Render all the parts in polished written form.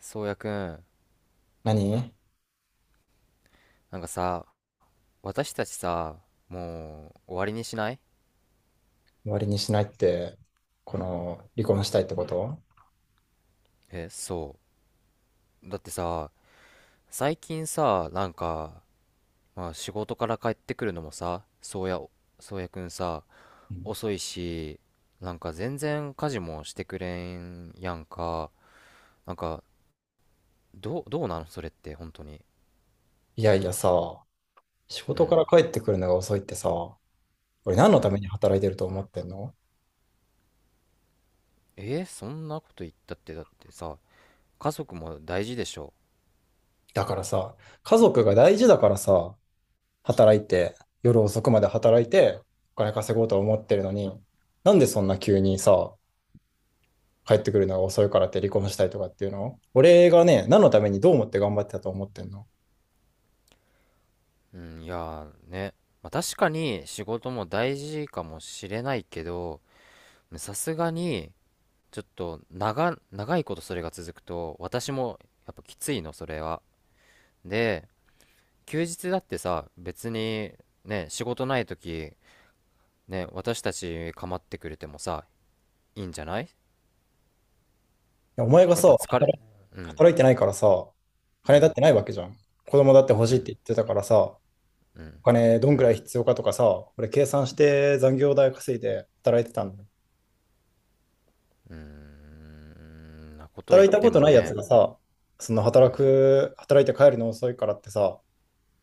そうやくん、何？なんかさ、私たちさ、もう終わりにしない？終わりにしないって、この、離婚したいってこと？え、そう。だってさ、最近さ、なんか、まあ仕事から帰ってくるのもさ、そうやくんさ、うん遅いし、なんか全然家事もしてくれんやんか。なんか、どうなのそれって、本当に。いやいやさ、仕う事かん、ら帰ってくるのが遅いってさ、俺何のうためん。に働いてると思ってんの？そんなこと言ったって、だってさ、家族も大事でしょ。だからさ、家族が大事だからさ、働いて、夜遅くまで働いて、お金稼ごうと思ってるのに、なんでそんな急にさ、帰ってくるのが遅いからって離婚したいとかっていうの？俺がね、何のためにどう思って頑張ってたと思ってんの？うん、いやーね、まあ、確かに仕事も大事かもしれないけど、さすがにちょっと長いことそれが続くと私も、やっぱきついの、それは。で、休日だってさ、別にね、仕事ない時、ね、私たち構ってくれてもさ、いいんじゃない？いやお前がやっぱさ、疲れ、うん、働いてないからさ、う金だっん、てないわけじゃん。子供だって欲うしいっん、て言ってたからさ、うん、お金どんうくらいん、必要かとかさ、俺計算して残業代稼いで働いてたんだよ。うん、うんなこと言っ働いたこてともないやつね、がさ、うん、働いて帰るの遅いからってさ、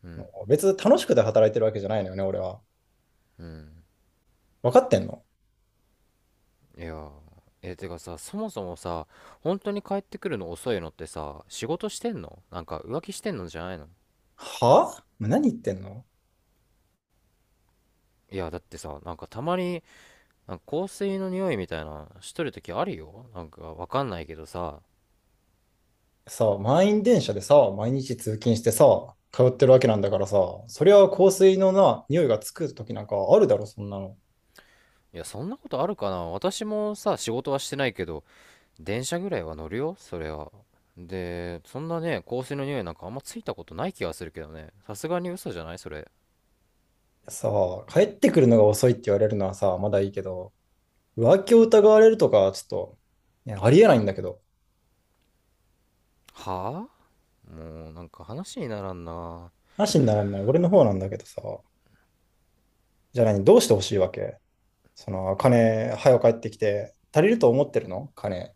うん、別に楽しくて働いてるわけじゃないのよね、俺は。うん。分かってんの？いやー、てかさ、そもそもさ、本当に帰ってくるの遅いのってさ、仕事してんの？なんか浮気してんのじゃないの？はあ？何言ってんの？いや、だってさ、なんかたまに、なんか香水の匂いみたいなしとる時あるよ、なんかわかんないけどさ。さ満員電車でさ、毎日通勤してさ、通ってるわけなんだからさ、そりゃ香水のな、匂いがつく時なんかあるだろ、そんなの。いや、そんなことあるかな？私もさ、仕事はしてないけど電車ぐらいは乗るよ、それは。で、そんなね、香水の匂いなんかあんまついたことない気がするけどね、さすがに。嘘じゃない、それ？さあ、帰ってくるのが遅いって言われるのはさ、まだいいけど、浮気を疑われるとか、ちょっと、ねありえないんだけど、はぁ、もうなんか話にならんな。話にならない、俺の方なんだけどさ、じゃあ何、どうしてほしいわけ？その、金、早く帰ってきて、足りると思ってるの？金。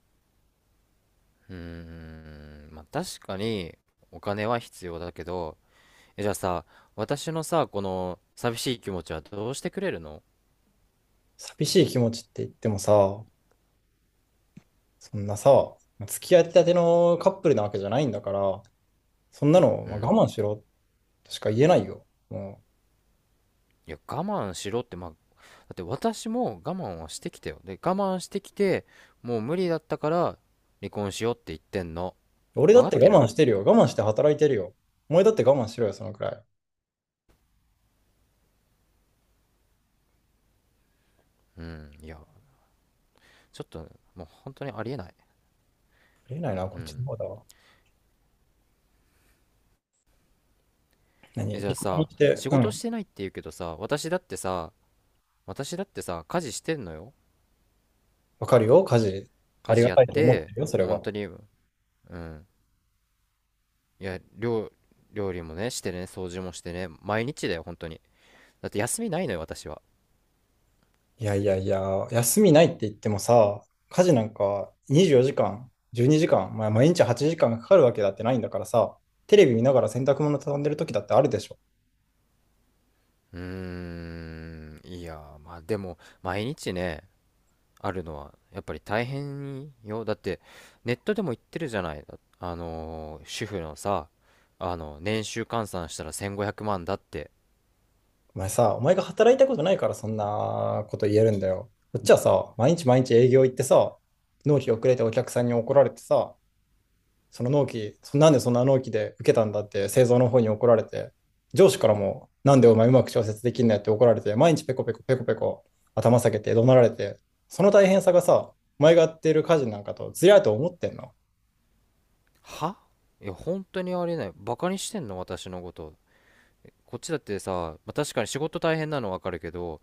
うーん、まあ、確かにお金は必要だけど、じゃあさ、私のさ、この寂しい気持ちはどうしてくれるの？寂しい気持ちって言ってもさ、そんなさ、付き合いたてのカップルなわけじゃないんだから、そんなの、うまあ、ん。我慢しろとしか言えないよ。もいや、我慢しろって、まあ、だって私も我慢はしてきたよ。で、我慢してきて、もう無理だったから離婚しようって言ってんの。う、俺だわかっってて我慢る？してるよ。我慢して働いてるよ。お前だって我慢しろよ、そのくらい。あうん、いや、ちょっと、もう本当にありえない。りえないな、こうっちのん。方だわ。え、何じゃ離あ婚さ、して、仕う事ん、してないって言うけどさ、私だってさ、家事してんのよ。わかるよ、家事。あ家り事がやったいと思ってて、るよ、それもう本は。当に、うん。いや、料理もね、してね、掃除もしてね、毎日だよ、本当に。だって休みないのよ、私は。いやいやいや、休みないって言ってもさ、家事なんか24時間、12時間、まあ、毎日8時間がかかるわけだってないんだからさ、テレビ見ながら洗濯物畳んでる時だってあるでしょ。うーん、いや、まあでも、毎日ね、あるのは、やっぱり大変よ。だって、ネットでも言ってるじゃない。主婦のさ、年収換算したら1500万だって。お前さ、お前が働いたことないからそんなこと言えるんだよ。こっちはさ、毎日毎日営業行ってさ、納期遅れてお客さんに怒られてさ、その納期、そなんでそんな納期で受けたんだって製造の方に怒られて、上司からも、なんでお前うまく調節できんのやって怒られて、毎日ペコペコペコペコ頭下げて怒鳴られて、その大変さがさ、お前がやってる家事なんかとずりゃと思ってんの？はいや、本当にありえない。バカにしてんの、私のこと？こっちだってさ、まあ、確かに仕事大変なのわかるけど、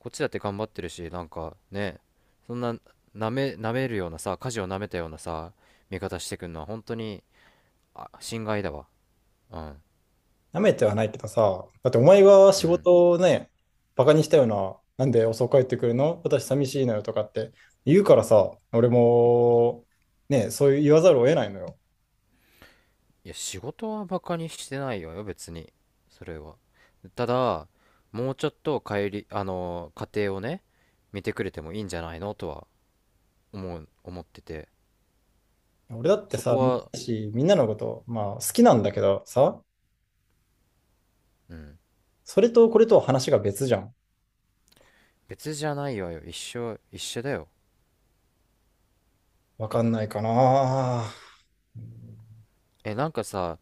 こっちだって頑張ってるし、なんかね、そんな舐めるようなさ、舵を舐めたようなさ、味方してくんのは本当に、あ、心外だわ。うん。なめてはないけどさ、だってお前がう仕ん。事をね、バカにしたような、なんで遅く帰ってくるの私寂しいのよとかって言うからさ、俺も、ね、そう言わざるを得ないのよ。いや、仕事はバカにしてないよ、別に。それは。ただ、もうちょっと家庭をね、見てくれてもいいんじゃないのとは思ってて。俺だってそさ、こは、みんなのこと、まあ好きなんだけどさ、うん。それとこれとは話が別じゃん。別じゃないわよ。一緒、一緒だよ。わかんないかな。なんかさ、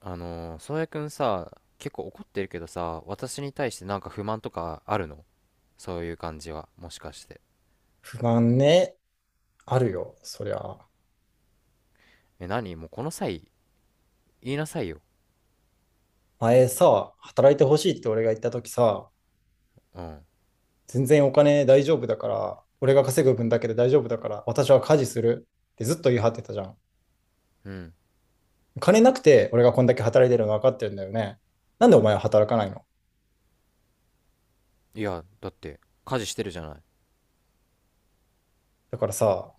宗谷くんさ、結構怒ってるけどさ、私に対してなんか不満とかあるの？そういう感じは、もしかして。不安ね。あるよ、そりゃ。何もうこの際、言いなさいよ。前さ、働いてほしいって俺が言った時さ、うん。全然お金大丈夫だから、俺が稼ぐ分だけで大丈夫だから、私は家事するってずっと言い張ってたじゃん。うん。金なくて俺がこんだけ働いてるの分かってるんだよね。なんでお前は働かないの？いや、だって、家事してるじゃない。だからさ、は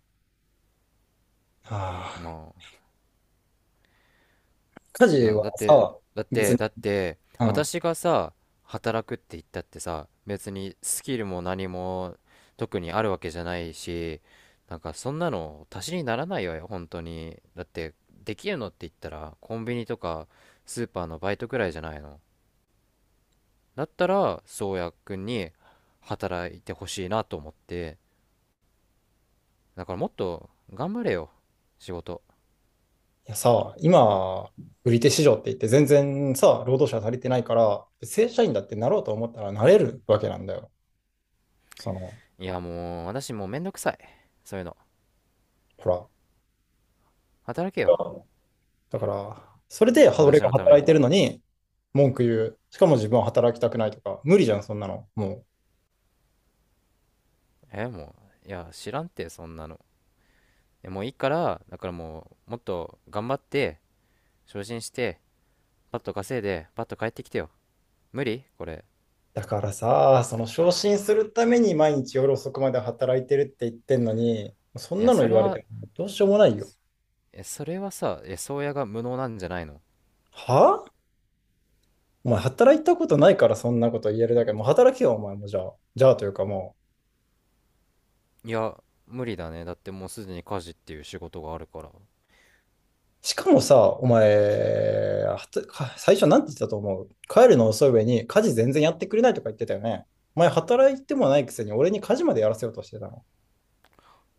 あ、まあ、家い事や、はさ、別に、だって、うん、私がさ、働くって言ったってさ、別にスキルも何も特にあるわけじゃないし、なんかそんなの足しにならないわよ、本当に。だって、できるのって言ったら、コンビニとかスーパーのバイトくらいじゃないの。だったら、宗谷くんに働いてほしいなと思って、だからもっと頑張れよ、仕事。いやさ、今、売り手市場って言って全然さ、労働者足りてないから、正社員だってなろうと思ったらなれるわけなんだよ。その、いや、もう、私もうめんどくさい。そういうの。ほら。働けよ、だから、それで俺私がのため働に。いてるのに、文句言う。しかも自分は働きたくないとか、無理じゃん、そんなの。もう。もう、いや知らんって、そんなの。もういいから、だからもうもっと頑張って昇進してパッと稼いでパッと帰ってきてよ。無理これ。だからさ、その昇進するために毎日夜遅くまで働いてるって言ってんのに、そいんや、なのそ言れわれては、もどうしようもないよ。それはさ、宗谷が無能なんじゃないの？はあ、お前働いたことないからそんなこと言えるだけ。もう働けよ、お前もじゃあ。じゃあというかもう。いや、無理だね。だってもうすでに家事っていう仕事があるから、いしかもさ、お前、はたか最初なんて言ってたと思う？帰るの遅い上に家事全然やってくれないとか言ってたよね。お前働いてもないくせに俺に家事までやらせようとしてたの？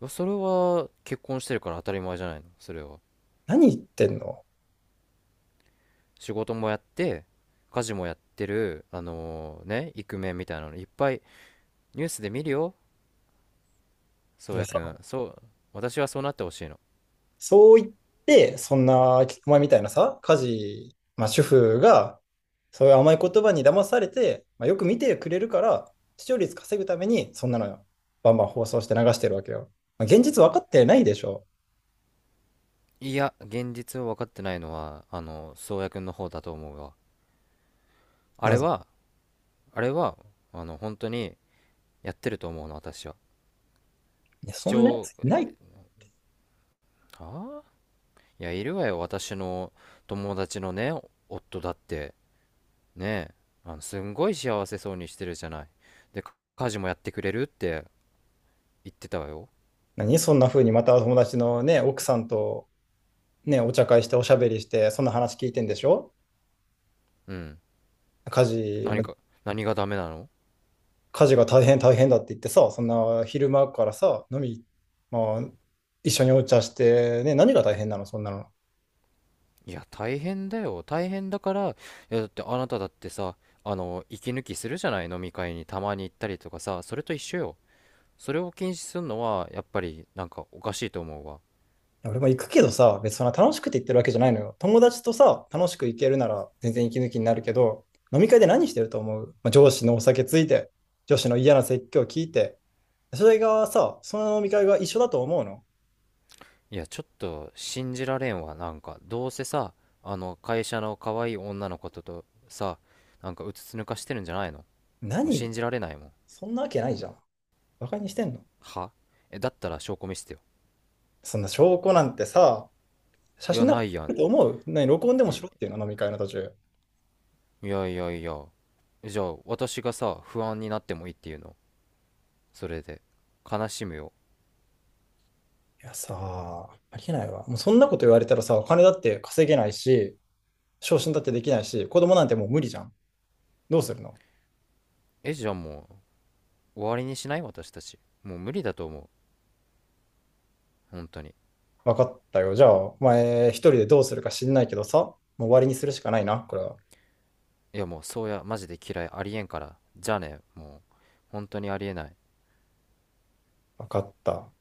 や、それは結婚してるから当たり前じゃないの、それは。何言ってんの？仕事もやって家事もやってる、ね、イクメンみたいなのいっぱいニュースで見るよ。宗それは谷さ、くん、そう、私はそうなってほしいの。そう言って、そんな、お前みたいなさ、家事、まあ主婦が、そういう甘い言葉に騙されて、まあ、よく見てくれるから、視聴率稼ぐために、そんなのバンバン放送して流してるわけよ。まあ、現実分かってないでしょ。いや、現実を分かってないのは、宗谷君の方だと思うわ。あなれぜ？は、あれは、本当にやってると思うの、私は。いや視そんなやつ聴、いない。ああ、いや、いるわよ、私の友達のね、夫だって、ねえ、すんごい幸せそうにしてるじゃない。で、家事もやってくれるって言ってたわよ。何そんな風にまた友達のね、奥さんとね、お茶会しておしゃべりして、そんな話聞いてんでしょ？うん。家事、何まか、何がダメなの？家事が大変大変だって言ってさ、そんな昼間からさ、飲み、まあ、一緒にお茶して、ね、何が大変なのそんなの。いいや、大変だよ。大変だから、いや、だってあなただってさ、息抜きするじゃない、飲み会にたまに行ったりとかさ、それと一緒よ。それを禁止するのは、やっぱり、なんかおかしいと思うわ。や俺も行くけどさ、別にそんな楽しくて言ってるわけじゃないのよ。友達とさ、楽しく行けるなら全然息抜きになるけど、飲み会で何してると思う？まあ、上司のお酒ついて、上司の嫌な説教聞いて、それがさ、その飲み会が一緒だと思うの？いや、ちょっと信じられんわ、なんか。どうせさ、会社の可愛い女の子ととさ、なんかうつつ抜かしてるんじゃないの？もう何言っ信じられないもん。そんなわけないじゃん。バカにしてんの？はえ、だったら証拠見せてよ。そんな証拠なんてさ、写いや、真ならな撮いやれん。ると思う？何、録音でもしいろっていうの、飲み会の途中。いやいやいや。じゃあ、私がさ、不安になってもいいっていうの？それで悲しむよ。いやさ、ありえないわ。もうそんなこと言われたらさ、お金だって稼げないし、昇進だってできないし、子供なんてもう無理じゃん。どうするの？じゃあもう終わりにしない？私たちもう無理だと思う、本当に。わかったよ。じゃあ、お前一人でどうするか知んないけどさ、もう終わりにするしかないな、これは。いや、もう、そうやマジで嫌い、ありえんから、じゃあね、もう本当にありえない。わかった。